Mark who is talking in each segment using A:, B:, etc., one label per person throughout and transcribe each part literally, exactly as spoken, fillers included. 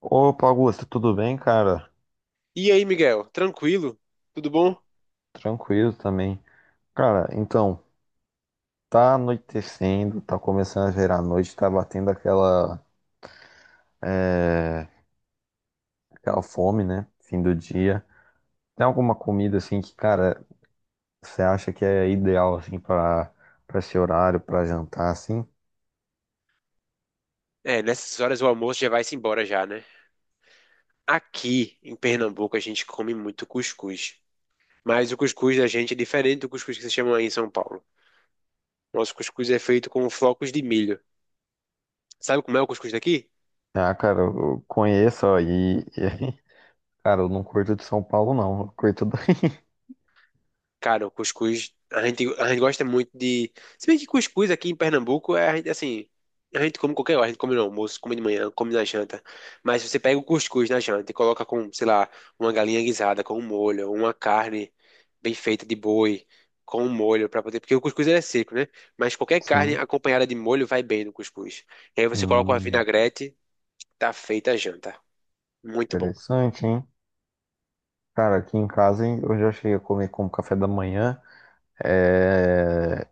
A: Opa, Augusto, tudo bem, cara?
B: E aí, Miguel? Tranquilo? Tudo bom?
A: Tranquilo também. Cara, então, tá anoitecendo, tá começando a virar noite, tá batendo aquela, é, aquela fome, né? Fim do dia. Tem alguma comida, assim, que, cara, você acha que é ideal, assim, pra, pra esse horário, pra jantar, assim?
B: É, nessas horas o almoço já vai-se embora já, né? Aqui em Pernambuco a gente come muito cuscuz. Mas o cuscuz da gente é diferente do cuscuz que vocês chamam aí em São Paulo. Nosso cuscuz é feito com flocos de milho. Sabe como é o cuscuz daqui?
A: Ah, cara, eu conheço aí. Cara, eu não curto de São Paulo, não. Eu curto daí.
B: Cara, o cuscuz, a gente, a gente gosta muito de. Se bem que cuscuz aqui em Pernambuco é, a gente, assim, a gente come qualquer hora, a gente come no almoço, come de manhã, come na janta. Mas se você pega o cuscuz na janta e coloca com, sei lá, uma galinha guisada com um molho, uma carne bem feita de boi com um molho pra poder. Porque o cuscuz ele é seco, né? Mas qualquer carne
A: Sim.
B: acompanhada de molho vai bem no cuscuz. E aí você coloca uma
A: Hum,
B: vinagrete, tá feita a janta. Muito bom.
A: interessante, hein? Cara, aqui em casa hein, eu já cheguei a comer como café da manhã. é,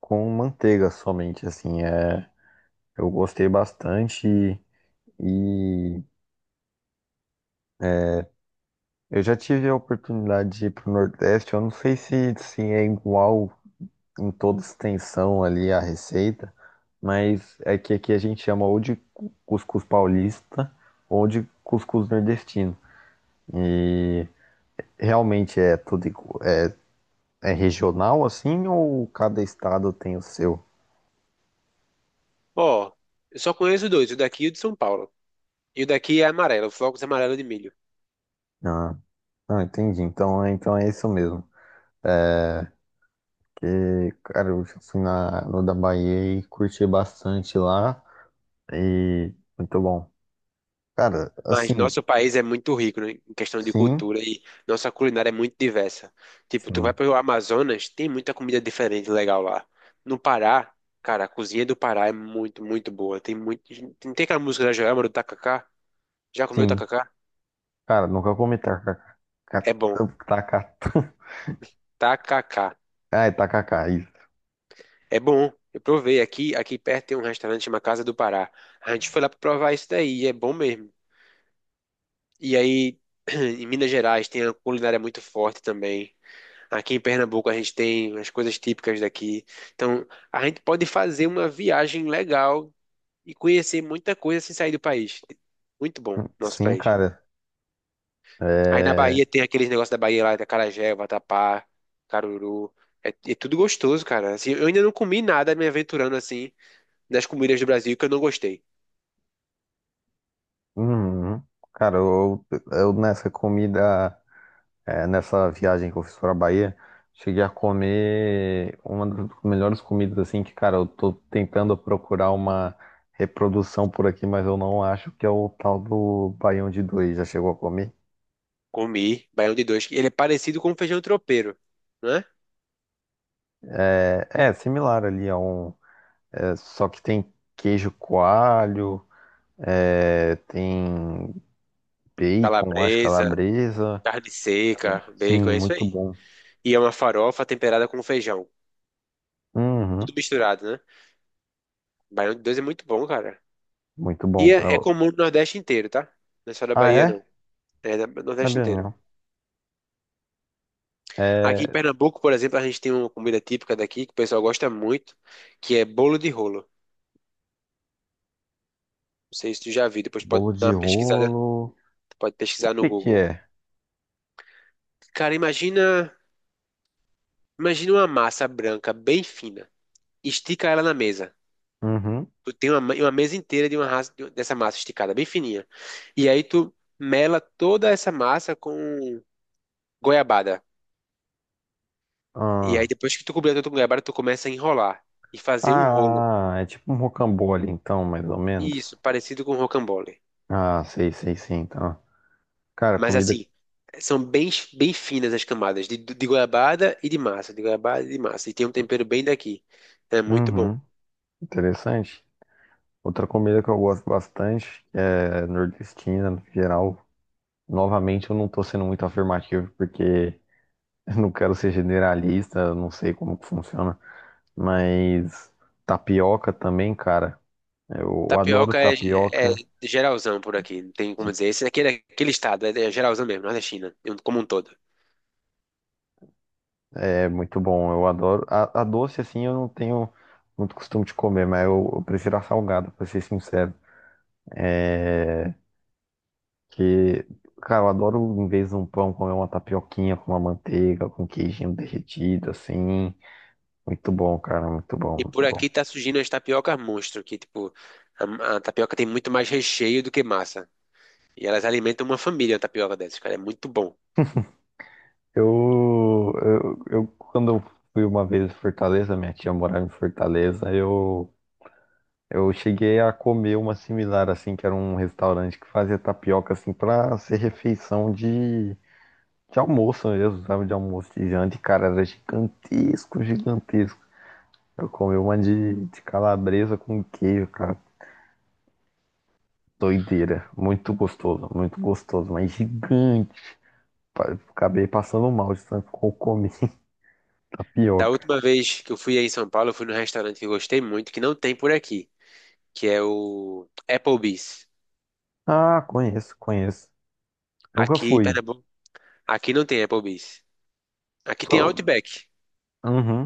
A: com manteiga somente, assim, é, eu gostei bastante e, e eu já tive a oportunidade de ir para o Nordeste, eu não sei se, se é igual em toda extensão ali a receita, mas é que aqui a gente chama ou de cu- cuscuz paulista ou de cuscuz nordestino. E realmente é tudo igu- é, é regional assim, ou cada estado tem o seu?
B: Ó, eu só conheço dois, o daqui e o de São Paulo. E o daqui é amarelo, flocos é amarelo de milho.
A: Ah, ah, entendi. Então, então é isso mesmo. É, que, cara, eu já fui na, no da Bahia e curti bastante lá. E muito bom. Cara,
B: Mas
A: assim,
B: nosso país é muito rico, né, em questão de
A: sim,
B: cultura e nossa culinária é muito diversa. Tipo, tu vai
A: sim,
B: pro Amazonas, tem muita comida diferente legal lá. No Pará, cara, a cozinha do Pará é muito, muito boa. Tem muito, tem tem aquela música da Joelma do Tacacá? Já comeu
A: sim.
B: tacacá?
A: Cara, nunca comi tacacá.
B: É bom.
A: Tacacá.
B: Tacacá.
A: Ai, tacacá, isso.
B: É bom. Eu provei aqui, aqui perto tem um restaurante chamado Casa do Pará. A gente foi lá pra provar isso daí, e é bom mesmo. E aí, em Minas Gerais tem a culinária muito forte também. Aqui em Pernambuco a gente tem as coisas típicas daqui. Então, a gente pode fazer uma viagem legal e conhecer muita coisa sem sair do país. Muito bom, nosso
A: Sim,
B: país.
A: cara.
B: Aí na
A: É.
B: Bahia tem aqueles negócios da Bahia lá, da acarajé, vatapá, caruru. É, é tudo gostoso, cara. Assim, eu ainda não comi nada me aventurando assim nas comidas do Brasil que eu não gostei.
A: Hum, cara, eu, eu nessa comida. É, nessa viagem que eu fiz pra Bahia, cheguei a comer uma das melhores comidas, assim, que, cara, eu tô tentando procurar uma reprodução por aqui, mas eu não acho que é o tal do baião de dois. Já chegou a comer?
B: Comi baião de dois, que ele é parecido com feijão tropeiro, né?
A: É, é similar ali a um, é, só que tem queijo coalho, é, tem bacon, acho,
B: Calabresa,
A: calabresa.
B: carne seca,
A: Sim,
B: bacon, é isso
A: muito
B: aí.
A: bom.
B: E é uma farofa temperada com feijão.
A: Uhum,
B: Tudo misturado, né? Baião de dois é muito bom, cara.
A: muito
B: E
A: bom.
B: é, é
A: Eu-
B: comum no Nordeste inteiro, tá? Não é só da
A: Ah,
B: Bahia,
A: é?
B: não. É da- no Nordeste
A: Sabia
B: inteiro.
A: não.
B: Aqui em
A: É,
B: Pernambuco, por exemplo, a gente tem uma comida típica daqui que o pessoal gosta muito, que é bolo de rolo. Não sei se tu já viu, depois pode
A: bolo
B: dar
A: de
B: uma pesquisada,
A: rolo.
B: pode pesquisar no
A: que que
B: Google.
A: é?
B: Cara, imagina, imagina uma massa branca bem fina. Estica ela na mesa.
A: Uhum.
B: Tu tem uma, ma- uma mesa inteira de uma raça, de- dessa massa esticada, bem fininha. E aí tu mela toda essa massa com goiabada. E aí
A: Ah.
B: depois que tu completa o tucunarabara, tu começa a enrolar e fazer um rolo.
A: Ah, é tipo um rocambole, então, mais ou menos.
B: Isso, parecido com rocambole.
A: Ah, sei, sei, sim, então. Cara,
B: Mas
A: comida.
B: assim, são bem, bem finas as camadas de, de goiabada e de massa, de goiabada e de massa. E tem um tempero bem daqui. É muito bom.
A: Uhum. Interessante. Outra comida que eu gosto bastante é nordestina, no geral. Novamente, eu não tô sendo muito afirmativo, porque eu não quero ser generalista, eu não sei como que funciona. Mas tapioca também, cara. Eu adoro
B: Tapioca é, é
A: tapioca.
B: geralzão por aqui, não tem como dizer. Esse daqui é daquele estado, é, é geralzão mesmo, não é da China, é um- como um todo.
A: É muito bom, eu adoro. A, a doce, assim, eu não tenho muito costume de comer, mas eu, eu prefiro a salgada, pra ser sincero. É. Que, cara, eu adoro, em vez de um pão, comer uma tapioquinha com uma manteiga, com queijinho derretido, assim. Muito bom, cara, muito bom,
B: E
A: muito
B: por
A: bom.
B: aqui tá surgindo as tapiocas monstro, que tipo, a, a tapioca tem muito mais recheio do que massa. E elas alimentam uma família, a tapioca dessas, cara, é muito bom.
A: Eu, eu, eu quando eu fui uma vez em Fortaleza, minha tia morava em Fortaleza, eu. Eu cheguei a comer uma similar, assim, que era um restaurante que fazia tapioca, assim, pra ser refeição de De almoço. Eu usava de almoço, de janta, e cara, era gigantesco, gigantesco. Eu comi uma de, de calabresa com queijo, cara. Doideira. Muito gostoso, muito gostoso, mas gigante. Pa- Acabei passando mal de tanto que eu comi
B: Da
A: tapioca.
B: última vez que eu fui aí em São Paulo, eu fui num restaurante que eu gostei muito, que não tem por aqui, que é o Applebee's.
A: Ah, conheço, conheço. Nunca
B: Aqui em
A: fui.
B: Pernambuco, aqui não tem Applebee's. Aqui tem
A: Só...
B: Outback.
A: Uhum.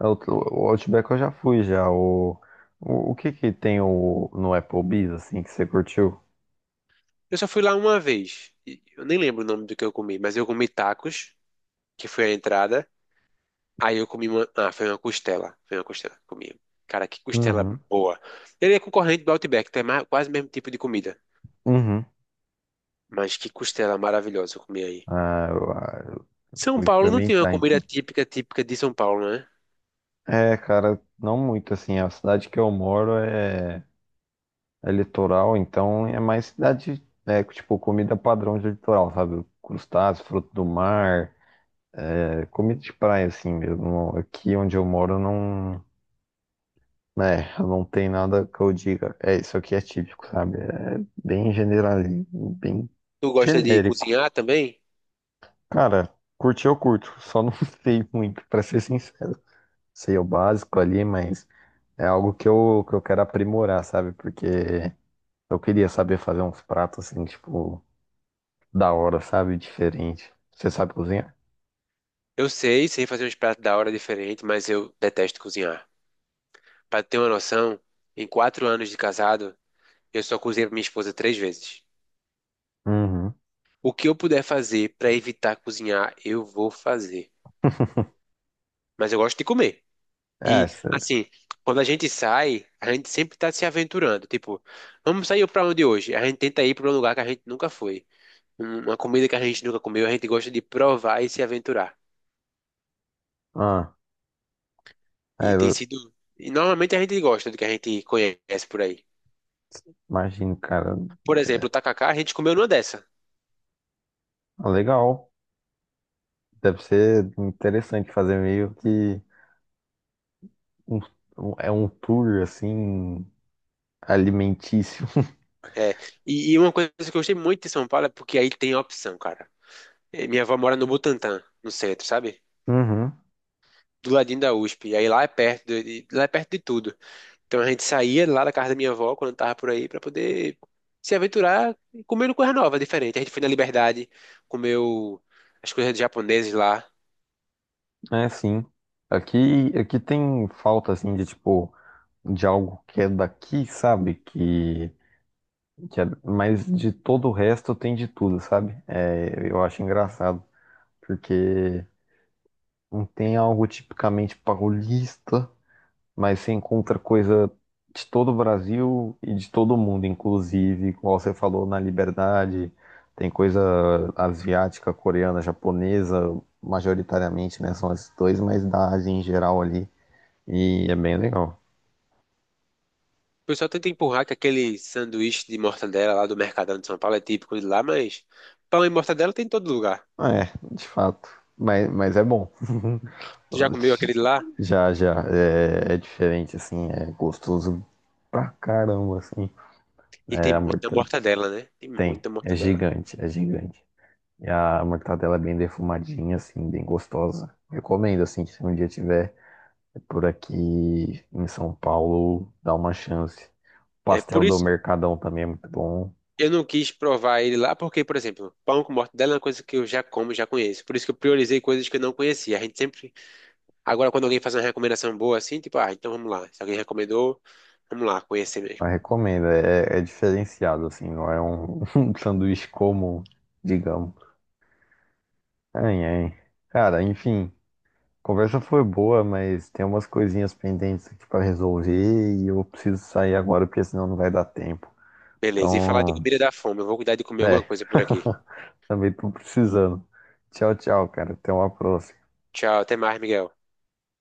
A: É, O o Outback eu já fui, já. O, o, o que que tem o, no Applebee's, assim, que você curtiu?
B: Eu só fui lá uma vez. e Eu nem lembro o nome do que eu comi, mas eu comi tacos, que foi a entrada. Aí eu comi uma, ah, foi uma costela, foi uma costela que eu comi. Cara, que costela
A: Uhum.
B: boa. Ele é concorrente do Outback, tem mais, quase o mesmo tipo de comida,
A: Uhum.
B: mas que costela maravilhosa eu comi aí.
A: Ah, eu, ah, eu
B: São
A: vou
B: Paulo não tem uma
A: experimentar,
B: comida
A: então.
B: típica, típica de São Paulo, né?
A: É, cara, não muito assim. A cidade que eu moro é, é litoral, então é mais cidade, é, tipo, comida padrão de litoral, sabe? Crustáceos, fruto do mar, é, comida de praia, assim mesmo. Aqui onde eu moro não, né, não tem nada que eu diga. É, isso aqui é típico, sabe? É bem general, bem
B: Tu gosta de
A: genérico.
B: cozinhar também?
A: Cara, curti eu curto, só não sei muito, pra ser sincero. Sei o básico ali, mas é algo que eu, que eu quero aprimorar, sabe? Porque eu queria saber fazer uns pratos assim, tipo, da hora, sabe? Diferente. Você sabe cozinhar?
B: Eu sei, sei fazer uns pratos da hora diferente, mas eu detesto cozinhar. Pra ter uma noção, em quatro anos de casado, eu só cozinhei pra minha esposa três vezes.
A: Uhum.
B: O que eu puder fazer pra evitar cozinhar, eu vou fazer. Mas eu gosto de comer.
A: É,
B: E,
A: cê-
B: assim, quando a gente sai, a gente sempre tá se aventurando. Tipo, vamos sair pra onde hoje? A gente tenta ir pra um lugar que a gente nunca foi. Um- Uma comida que a gente nunca comeu, a gente gosta de provar e se aventurar.
A: ah,
B: E
A: é,
B: tem
A: eu
B: sido. E normalmente a gente gosta do que a gente conhece por aí.
A: imagino, cara.
B: Por exemplo, o tacacá, a gente comeu numa dessa.
A: Ah, legal. Deve ser interessante fazer meio que um, um- é um tour assim alimentício.
B: É. E, e uma coisa que eu gostei muito de São Paulo é porque aí tem opção, cara. Eh, minha avó mora no Butantã, no centro, sabe?
A: Uhum.
B: Do ladinho da U S P. E aí lá é perto de, de- lá é perto de tudo. Então a gente saía lá da casa da minha avó quando tava por aí pra poder se aventurar e comendo coisa nova, diferente. A gente foi na Liberdade, comeu as coisas japoneses lá.
A: É, sim. Aqui, aqui tem falta assim de tipo de algo que é daqui, sabe? Que, que é- mas de todo o resto tem de tudo, sabe? É, eu acho engraçado, porque não tem algo tipicamente paulista, mas você encontra coisa de todo o Brasil e de todo o mundo, inclusive, como você falou, na Liberdade, tem coisa asiática, coreana, japonesa, majoritariamente, né? São esses dois, mas da Ásia em geral ali, e é bem legal.
B: O pessoal tenta empurrar que aquele sanduíche de mortadela lá do Mercadão de São Paulo é típico de lá, mas pão e mortadela tem em todo lugar.
A: É, de fato. Mas, mas é bom.
B: Tu já comeu aquele de lá?
A: Já, já. É, é diferente, assim. É gostoso pra caramba, assim.
B: E tem
A: É, a
B: muita
A: mortadela
B: mortadela, né? Tem
A: tem.
B: muita
A: É
B: mortadela.
A: gigante, é gigante. E a mortadela é bem defumadinha, assim, bem gostosa. Recomendo, assim, que se um dia tiver por aqui em São Paulo, dá uma chance.
B: É por
A: Pastel do
B: isso
A: Mercadão também é muito bom.
B: eu não quis provar ele lá, porque, por exemplo, pão com mortadela é uma coisa que eu já como, já conheço. Por isso que eu priorizei coisas que eu não conhecia. A gente sempre. Agora, quando alguém faz uma recomendação boa assim, tipo, ah, então vamos lá. Se alguém recomendou, vamos lá, conhecer mesmo.
A: Eu recomendo, é, é é diferenciado, assim, não é um, um sanduíche comum, digamos. Ai, ai. Cara, enfim, conversa foi boa, mas tem umas coisinhas pendentes aqui pra resolver e eu preciso sair agora porque senão não vai dar tempo.
B: Beleza. E falar de
A: Então,
B: comida dá fome. Eu vou cuidar de comer
A: é,
B: alguma coisa por aqui.
A: também tô precisando. Tchau, tchau, cara. Até uma próxima.
B: Tchau, até mais, Miguel.